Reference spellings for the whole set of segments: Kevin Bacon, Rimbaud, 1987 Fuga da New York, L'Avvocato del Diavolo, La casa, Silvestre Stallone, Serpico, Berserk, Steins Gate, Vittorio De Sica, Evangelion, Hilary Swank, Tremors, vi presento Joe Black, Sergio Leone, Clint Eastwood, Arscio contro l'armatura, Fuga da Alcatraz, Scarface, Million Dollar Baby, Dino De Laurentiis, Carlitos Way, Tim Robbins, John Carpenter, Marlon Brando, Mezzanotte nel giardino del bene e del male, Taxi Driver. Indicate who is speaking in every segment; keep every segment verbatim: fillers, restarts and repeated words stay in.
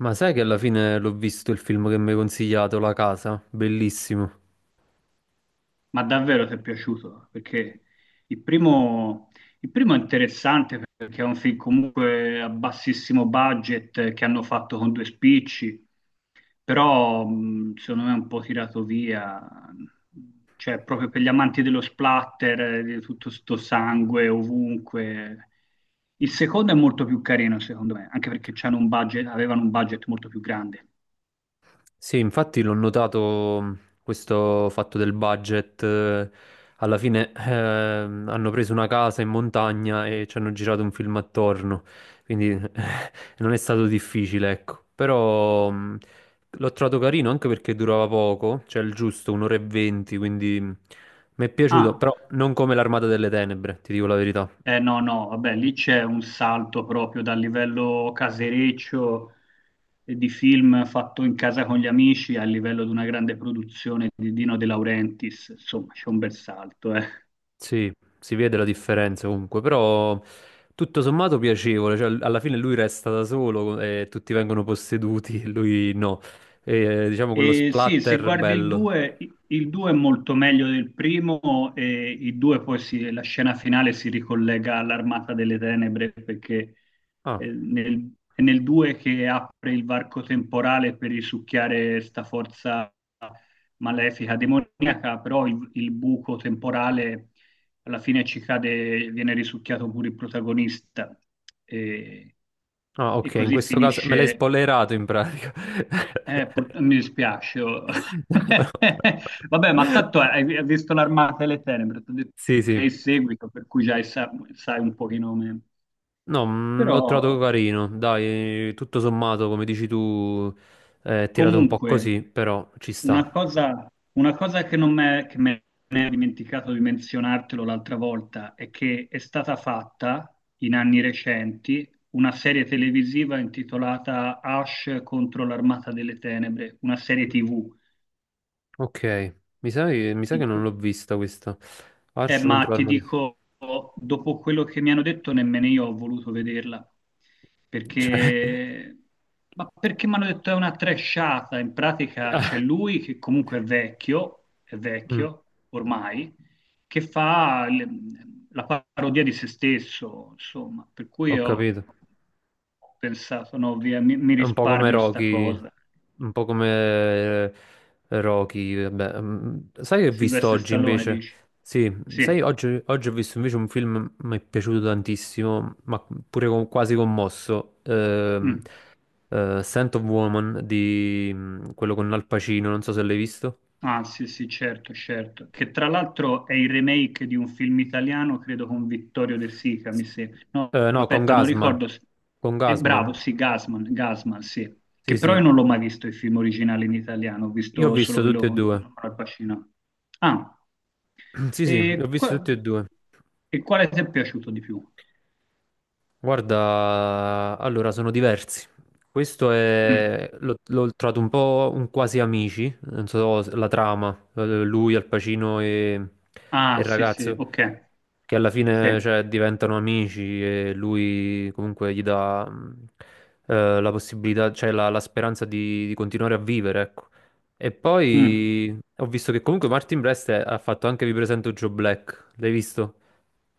Speaker 1: Ma sai che alla fine l'ho visto il film che mi hai consigliato, La casa? Bellissimo.
Speaker 2: Ma davvero ti è piaciuto? Perché il primo, il primo è interessante perché è un film comunque a bassissimo budget eh, che hanno fatto con due spicci, però mh, secondo me è un po' tirato via, cioè proprio per gli amanti dello splatter, eh, di tutto sto sangue ovunque. Il secondo è molto più carino secondo me, anche perché c'hanno un budget, avevano un budget molto più grande.
Speaker 1: Sì, infatti l'ho notato mh, questo fatto del budget. eh, Alla fine ehm, hanno preso una casa in montagna e ci hanno girato un film attorno, quindi eh, non è stato difficile, ecco. Però mh, l'ho trovato carino anche perché durava poco, cioè il giusto, un'ora e venti, quindi mh, mi è piaciuto,
Speaker 2: Ah.
Speaker 1: però non come L'Armata delle Tenebre, ti dico la verità.
Speaker 2: Eh no, no, vabbè, lì c'è un salto proprio dal livello casereccio eh, di film fatto in casa con gli amici al livello di una grande produzione di Dino De Laurentiis, insomma, c'è un bel salto, eh.
Speaker 1: Sì, si vede la differenza comunque, però tutto sommato piacevole, cioè alla fine lui resta da solo e tutti vengono posseduti, e lui no. E, diciamo quello
Speaker 2: E sì, se
Speaker 1: splatter
Speaker 2: guardi il
Speaker 1: bello.
Speaker 2: due, il due è molto meglio del primo e il due poi si- la scena finale si ricollega all'Armata delle Tenebre perché
Speaker 1: Ah,
Speaker 2: eh, nel, è nel due che apre il varco temporale per risucchiare sta forza malefica, demoniaca, però il, il buco temporale alla fine ci cade, viene risucchiato pure il protagonista e,
Speaker 1: ah,
Speaker 2: e
Speaker 1: ok, in
Speaker 2: così
Speaker 1: questo caso me l'hai
Speaker 2: finisce.
Speaker 1: spoilerato in pratica.
Speaker 2: Eh, pur- mi dispiace. Oh.
Speaker 1: No.
Speaker 2: Vabbè, ma tanto hai, hai visto l'Armata delle Tenebre, ti ho detto
Speaker 1: Sì,
Speaker 2: che
Speaker 1: sì.
Speaker 2: è il seguito, per cui già sa- sai un pochino meno.
Speaker 1: No, mm,
Speaker 2: Però.
Speaker 1: l'ho trovato carino, dai, tutto sommato, come dici tu, è tirato un po'
Speaker 2: Comunque,
Speaker 1: così, però ci sta.
Speaker 2: una cosa, una cosa che non m'è- che me ne ho dimenticato di menzionartelo l'altra volta è che è stata fatta in anni recenti una serie televisiva intitolata Ash contro l'Armata delle Tenebre, una serie T V
Speaker 1: Ok, mi sa, che mi sa
Speaker 2: in
Speaker 1: che non
Speaker 2: cui.
Speaker 1: l'ho vista questa.
Speaker 2: Eh,
Speaker 1: Arscio
Speaker 2: ma
Speaker 1: contro
Speaker 2: ti
Speaker 1: l'armatura.
Speaker 2: dico, dopo quello che mi hanno detto, nemmeno io ho voluto vederla,
Speaker 1: Cioè,
Speaker 2: perché, ma perché mi hanno detto è una trashata, in pratica c'è
Speaker 1: ah,
Speaker 2: lui che comunque è vecchio, è
Speaker 1: mm,
Speaker 2: vecchio ormai, che fa l- la parodia di se stesso, insomma, per cui
Speaker 1: ho
Speaker 2: ho
Speaker 1: capito.
Speaker 2: ho pensato, no, via, mi, mi
Speaker 1: È un po' come
Speaker 2: risparmio sta
Speaker 1: Rocky.
Speaker 2: cosa.
Speaker 1: Un po' come eh, Rocky. Vabbè, mm, sai che ho visto
Speaker 2: Silvestre
Speaker 1: oggi
Speaker 2: Stallone,
Speaker 1: invece?
Speaker 2: dici?
Speaker 1: Sì, sai,
Speaker 2: Sì.
Speaker 1: oggi, oggi ho visto invece un film mi è piaciuto tantissimo, ma pure con- quasi commosso. Ehm,
Speaker 2: Mm.
Speaker 1: eh, Scent of Woman di mm, quello con Al Pacino, non so se l'hai visto.
Speaker 2: Ah, sì, sì, certo, certo. Che tra l'altro è il remake di un film italiano, credo con Vittorio De Sica, mi sembra. No,
Speaker 1: Eh, no, con
Speaker 2: aspetta, non
Speaker 1: Gasman.
Speaker 2: ricordo. se-
Speaker 1: Con
Speaker 2: È bravo,
Speaker 1: Gasman.
Speaker 2: sì, Gasman, Gasman, sì.
Speaker 1: Sì,
Speaker 2: Che però
Speaker 1: sì.
Speaker 2: io non l'ho mai visto il film originale in italiano, ho
Speaker 1: Io ho
Speaker 2: visto solo
Speaker 1: visto tutti
Speaker 2: quello
Speaker 1: e
Speaker 2: con,
Speaker 1: due.
Speaker 2: con Al Pacino. Ah,
Speaker 1: Sì, sì, li
Speaker 2: e,
Speaker 1: ho visti
Speaker 2: qua-
Speaker 1: tutti e due.
Speaker 2: e quale ti è piaciuto di più?
Speaker 1: Guarda, allora sono diversi. Questo
Speaker 2: Mm.
Speaker 1: è, l'ho l'ho trovato un po' un quasi amici, non so se- la trama, eh, lui, Al Pacino e, e
Speaker 2: Ah,
Speaker 1: il
Speaker 2: sì, sì,
Speaker 1: ragazzo,
Speaker 2: ok.
Speaker 1: che alla
Speaker 2: Sì.
Speaker 1: fine cioè, diventano amici e lui comunque gli dà mh, eh, la possibilità, cioè la, la speranza di, di continuare a vivere, ecco. E
Speaker 2: Mm.
Speaker 1: poi ho visto che comunque Martin Brest è- ha fatto anche Vi presento Joe Black, l'hai visto?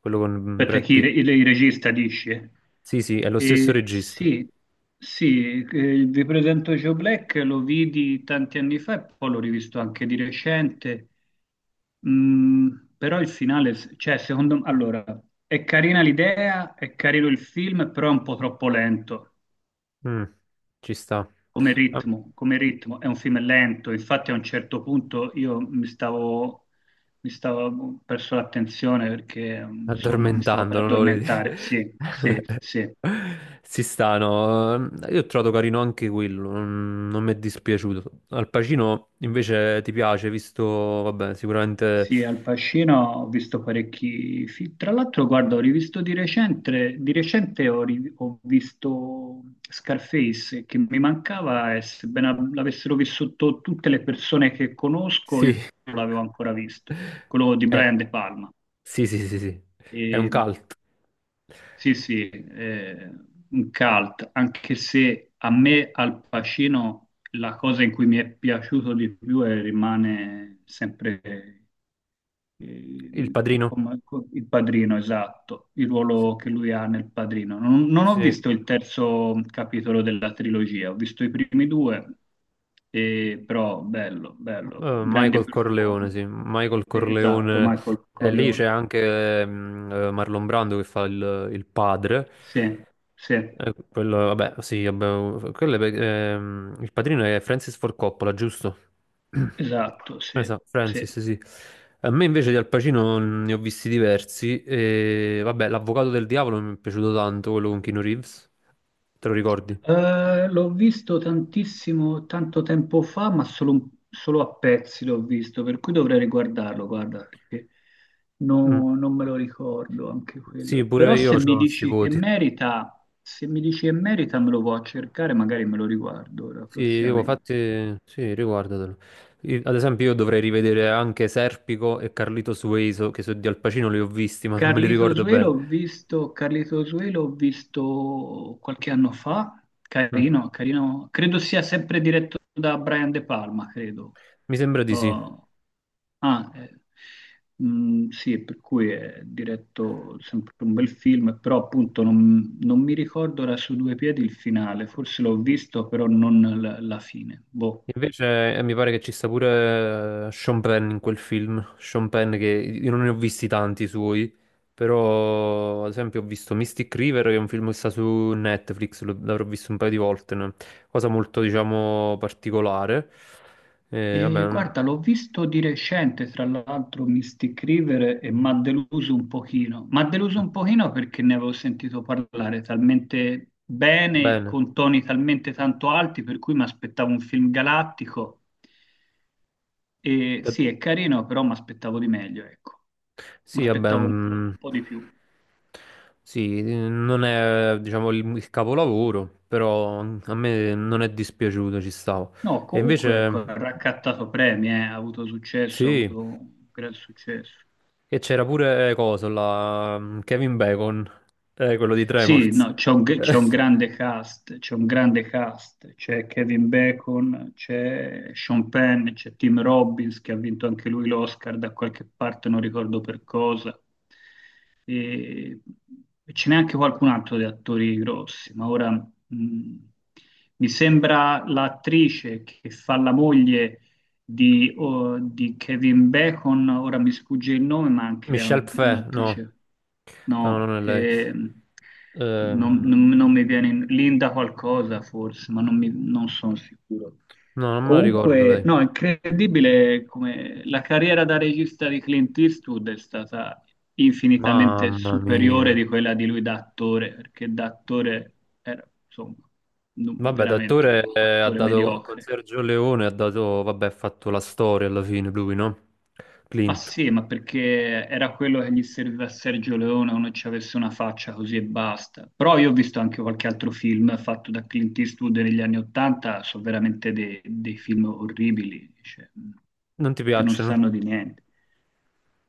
Speaker 1: Quello con
Speaker 2: Aspetta,
Speaker 1: Brad
Speaker 2: chi
Speaker 1: Pitt.
Speaker 2: il, il regista dice?
Speaker 1: Sì, sì, è lo stesso
Speaker 2: Eh,
Speaker 1: regista.
Speaker 2: sì, sì, eh, vi presento Joe Black, lo vidi tanti anni fa e poi l'ho rivisto anche di recente. Mm, Però il finale, s- cioè, secondo me, allora, è carina l'idea, è carino il film, però è un po' troppo lento.
Speaker 1: Mm, ci sta.
Speaker 2: Come
Speaker 1: Ah,
Speaker 2: ritmo, come ritmo, è un film lento, infatti a un certo punto io mi stavo, mi stavo ho perso l'attenzione perché insomma mi stavo per
Speaker 1: addormentando, non lo volevo
Speaker 2: addormentare,
Speaker 1: dire.
Speaker 2: sì, sì, sì.
Speaker 1: Si stanno. Io ho trovato carino anche quello, non, non mi è dispiaciuto. Al Pacino invece ti piace, visto, vabbè, sicuramente
Speaker 2: Sì, Al Pacino ho visto parecchi film. Tra l'altro, guarda, ho rivisto di recente, di recente ho, ri- ho visto Scarface, che mi mancava e sebbene l'avessero vissuto tutte le persone che conosco, io
Speaker 1: sì.
Speaker 2: non l'avevo ancora visto, quello di
Speaker 1: Eh,
Speaker 2: Brian De Palma.
Speaker 1: sì, sì, sì, sì. È un
Speaker 2: E
Speaker 1: cult.
Speaker 2: sì, sì, eh, un cult, anche se a me Al Pacino la cosa in cui mi è piaciuto di più è- rimane sempre eh,
Speaker 1: Il Padrino?
Speaker 2: come- co- il padrino, esatto, il
Speaker 1: Sì.
Speaker 2: ruolo che lui ha nel padrino. Non, non ho
Speaker 1: Sì.
Speaker 2: visto il terzo capitolo della trilogia, ho visto i primi due, e- però bello, bello,
Speaker 1: Eh,
Speaker 2: grande
Speaker 1: Michael Corleone,
Speaker 2: performance.
Speaker 1: sì, Michael
Speaker 2: Esatto,
Speaker 1: Corleone,
Speaker 2: Michael
Speaker 1: e lì c'è
Speaker 2: Corleone.
Speaker 1: anche mm, eh, Marlon Brando che fa il, il padre.
Speaker 2: Sì, sì.
Speaker 1: Eh, quello, vabbè, sì, vabbè, quello è pe- ehm, il padrino è Francis Ford Coppola, giusto?
Speaker 2: Esatto, sì,
Speaker 1: Esatto,
Speaker 2: sì.
Speaker 1: Francis, sì. A me invece di Al Pacino mm, ne ho visti diversi. E, vabbè, L'Avvocato del Diavolo mi è piaciuto tanto, quello con Keanu Reeves. Te lo ricordi?
Speaker 2: Eh, l'ho visto tantissimo, tanto tempo fa, ma solo, un- solo a pezzi l'ho visto, per cui dovrei riguardarlo, guarda, perché
Speaker 1: Mm.
Speaker 2: no- non me lo ricordo anche
Speaker 1: Sì,
Speaker 2: quello. Però
Speaker 1: pure io
Speaker 2: se
Speaker 1: ho
Speaker 2: mi
Speaker 1: questi
Speaker 2: dici che
Speaker 1: voti.
Speaker 2: merita, se mi dici che merita, me lo può cercare, magari me lo riguardo ora
Speaker 1: Sì, dico,
Speaker 2: prossimamente.
Speaker 1: infatti, sì, riguardatelo. Io- ad esempio, io dovrei rivedere anche Serpico e Carlitos Way, so- che so di Al Pacino li ho visti, ma non me li
Speaker 2: Carlitos
Speaker 1: ricordo
Speaker 2: Way
Speaker 1: bene.
Speaker 2: l'ho visto, Carlitos Way l'ho visto qualche anno fa,
Speaker 1: Mhm.
Speaker 2: carino, carino, credo sia sempre diretto da Brian De Palma, credo.
Speaker 1: Mi sembra di sì.
Speaker 2: Oh, ah, eh, mm, sì, per cui è diretto sempre un bel film, però appunto non, non mi ricordo era su due piedi il finale, forse l'ho visto, però non la, la fine. Boh.
Speaker 1: Invece, eh, mi pare che ci sta pure eh, Sean Penn in quel film. Sean Penn, che io non ne ho visti tanti suoi, però, ad esempio, ho visto Mystic River, che è un film che sta su Netflix, lo- l'avrò visto un paio di volte, no? Cosa molto, diciamo, particolare. Eh,
Speaker 2: E
Speaker 1: vabbè, mm,
Speaker 2: guarda, l'ho visto di recente, tra l'altro, Mystic River e mi ha deluso un pochino. Mi ha deluso un pochino perché ne avevo sentito parlare talmente bene,
Speaker 1: Bene.
Speaker 2: con toni talmente tanto alti, per cui mi aspettavo un film galattico. E sì, è carino, però mi aspettavo di meglio, ecco. Mi
Speaker 1: Sì, vabbè,
Speaker 2: aspettavo un po',
Speaker 1: mm,
Speaker 2: un po' di più.
Speaker 1: sì, non è, diciamo, il, il capolavoro, però a me non è dispiaciuto, ci stavo.
Speaker 2: No,
Speaker 1: E
Speaker 2: comunque,
Speaker 1: invece,
Speaker 2: ecco, ha raccattato premi, eh, ha avuto successo, ha
Speaker 1: sì,
Speaker 2: avuto un gran successo.
Speaker 1: e c'era pure, eh, coso, la, mm, Kevin Bacon, eh, quello di
Speaker 2: Sì,
Speaker 1: Tremors.
Speaker 2: no, c'è un, c'è un grande cast, c'è un grande cast, c'è Kevin Bacon, c'è Sean Penn, c'è Tim Robbins che ha vinto anche lui l'Oscar da qualche parte, non ricordo per cosa. E, e ce n'è anche qualcun altro di attori grossi, ma ora mh, mi sembra l'attrice che fa la moglie di, o- di Kevin Bacon, ora mi sfugge il nome, ma anche lei è
Speaker 1: Michelle
Speaker 2: una- è
Speaker 1: Pfeff, no,
Speaker 2: un'attrice.
Speaker 1: no, no,
Speaker 2: No,
Speaker 1: non è lei.
Speaker 2: ehm, non,
Speaker 1: Ehm,
Speaker 2: non- non mi viene in- Linda qualcosa forse, ma non, mi- non sono sicuro.
Speaker 1: no, non me la ricordo
Speaker 2: Comunque,
Speaker 1: lei.
Speaker 2: no, è incredibile come la carriera da regista di Clint Eastwood è stata infinitamente
Speaker 1: Mamma
Speaker 2: superiore di
Speaker 1: mia.
Speaker 2: quella di lui da attore, perché da attore era, insomma, non-
Speaker 1: Vabbè,
Speaker 2: veramente un
Speaker 1: d'attore eh, ha
Speaker 2: attore
Speaker 1: dato con
Speaker 2: mediocre.
Speaker 1: Sergio Leone, ha dato, vabbè, ha fatto la storia alla fine lui, no?
Speaker 2: Ma
Speaker 1: Clint.
Speaker 2: sì, ma perché era quello che gli serviva a Sergio Leone, uno ci avesse una faccia così e basta. Però io ho visto anche qualche altro film fatto da Clint Eastwood negli anni Ottanta, sono veramente dei, dei film orribili, cioè,
Speaker 1: Non ti
Speaker 2: che non
Speaker 1: piacciono?
Speaker 2: sanno di niente.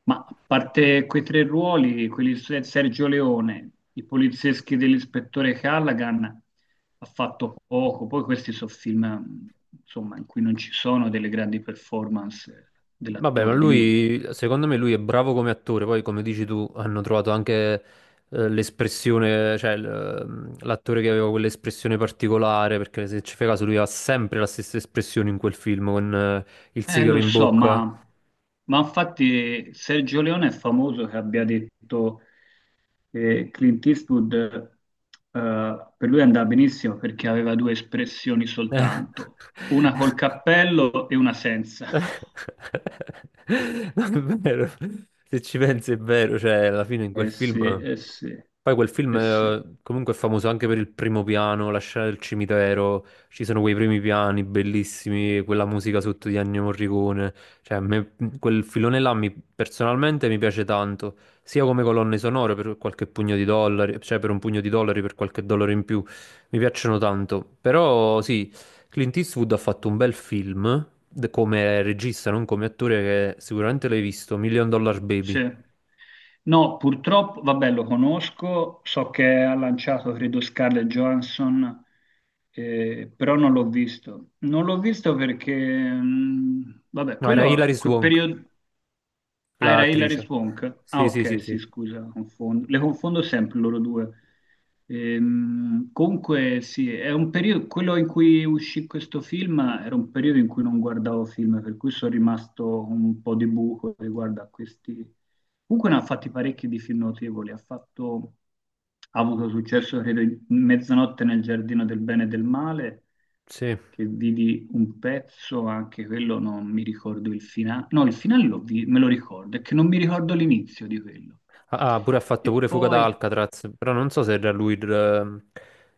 Speaker 2: Ma a parte quei tre ruoli, quelli di Se- Sergio Leone, i polizieschi dell'ispettore Callaghan, ha fatto poco. Poi questi sono film, insomma, in cui non ci sono delle grandi performance
Speaker 1: Vabbè, ma
Speaker 2: dell'attore, di lui.
Speaker 1: lui, secondo me lui è bravo come attore, poi come dici tu, hanno trovato anche eh, l'espressione, cioè l- mm, l'attore che aveva quell'espressione particolare, perché se ci fai caso lui ha sempre la stessa espressione in quel film, con eh, il
Speaker 2: Eh,
Speaker 1: sigaro
Speaker 2: lo
Speaker 1: in
Speaker 2: so,
Speaker 1: bocca.
Speaker 2: ma, ma, infatti Sergio Leone è famoso che abbia detto che Clint Eastwood, eh, per lui andava benissimo perché aveva due espressioni soltanto, una col cappello e una senza.
Speaker 1: No, è vero. Se ci pensi è vero, cioè alla fine in quel
Speaker 2: Eh
Speaker 1: film
Speaker 2: sì, eh sì,
Speaker 1: poi quel film
Speaker 2: eh sì.
Speaker 1: eh, comunque è famoso anche per il primo piano, la scena del cimitero, ci sono quei primi piani bellissimi, quella musica sotto di Ennio Morricone, cioè a me quel filone là mi- personalmente mi piace tanto, sia come colonne sonore per qualche pugno di dollari, cioè per un pugno di dollari, per qualche dollaro in più, mi piacciono tanto, però sì, Clint Eastwood ha fatto un bel film, de- come regista, non come attore, che sicuramente l'hai visto, Million Dollar Baby,
Speaker 2: Sì. No, purtroppo, vabbè, lo conosco, so che ha lanciato, credo, Scarlett Johansson, eh, però non l'ho visto. Non l'ho visto perché, mh, vabbè,
Speaker 1: no era
Speaker 2: quello,
Speaker 1: Hilary
Speaker 2: quel
Speaker 1: Swank.
Speaker 2: periodo. Ah, era Hilary
Speaker 1: L'attrice.
Speaker 2: Swank. Ah,
Speaker 1: Sì, sì, sì,
Speaker 2: ok, sì,
Speaker 1: sì.
Speaker 2: scusa, confondo. Le confondo sempre loro due. Ehm, comunque, sì, è un periodo, quello in cui uscì questo film era un periodo in cui non guardavo film, per cui sono rimasto un po' di buco riguardo a questi. Comunque ne ha fatti parecchi di film notevoli, ha fatto, ha avuto successo, credo, in Mezzanotte nel giardino del bene e del male,
Speaker 1: Sì.
Speaker 2: che vidi un pezzo, anche quello non mi ricordo il finale. No, il finale l'ho vi- me lo ricordo, è che non mi ricordo l'inizio di quello.
Speaker 1: Ah, ah, pure ha
Speaker 2: E
Speaker 1: fatto pure Fuga
Speaker 2: poi
Speaker 1: da Alcatraz, però non so se era lui il,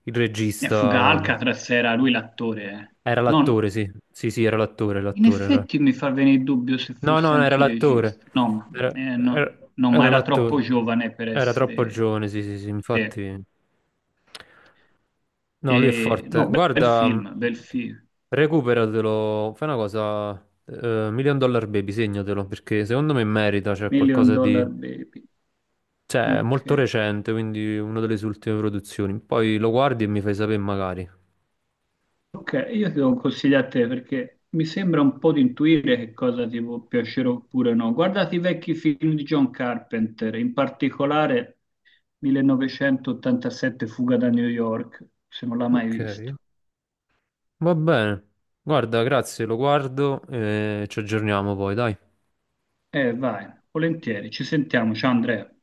Speaker 1: il
Speaker 2: eh, Fuga
Speaker 1: regista.
Speaker 2: Alcatraz era lui l'attore, eh.
Speaker 1: Era
Speaker 2: No,
Speaker 1: l'attore,
Speaker 2: no,
Speaker 1: sì. Sì, sì, era l'attore,
Speaker 2: in
Speaker 1: l'attore. Era.
Speaker 2: effetti mi fa venire il dubbio se
Speaker 1: No,
Speaker 2: fosse
Speaker 1: no, no, era
Speaker 2: anche il
Speaker 1: l'attore.
Speaker 2: regista. No, ma
Speaker 1: Era,
Speaker 2: eh,
Speaker 1: era-
Speaker 2: no, no, ma
Speaker 1: era
Speaker 2: era troppo
Speaker 1: l'attore.
Speaker 2: giovane per
Speaker 1: Era troppo
Speaker 2: essere.
Speaker 1: giovane, sì, sì, sì,
Speaker 2: Sì.
Speaker 1: infatti. No, lui è
Speaker 2: E,
Speaker 1: forte.
Speaker 2: no, bel, bel
Speaker 1: Guarda,
Speaker 2: film, bel film.
Speaker 1: recuperatelo, fai una cosa, eh, Million Dollar Baby, segnatelo, perché secondo me merita, cioè
Speaker 2: Million
Speaker 1: qualcosa
Speaker 2: Dollar
Speaker 1: di...
Speaker 2: Baby.
Speaker 1: Cioè, è
Speaker 2: Ok.
Speaker 1: molto recente, quindi una delle sue ultime produzioni. Poi lo guardi e mi fai sapere magari.
Speaker 2: Ok, io ti do un consiglio a te perché mi sembra un po' di intuire che cosa ti può piacere oppure no. Guardate i vecchi film di John Carpenter, in particolare millenovecentoottantasette Fuga da New York, se non l'ha mai
Speaker 1: Ok,
Speaker 2: visto.
Speaker 1: va bene. Guarda, grazie, lo guardo e ci aggiorniamo poi, dai.
Speaker 2: Eh, vai, volentieri, ci sentiamo, ciao Andrea.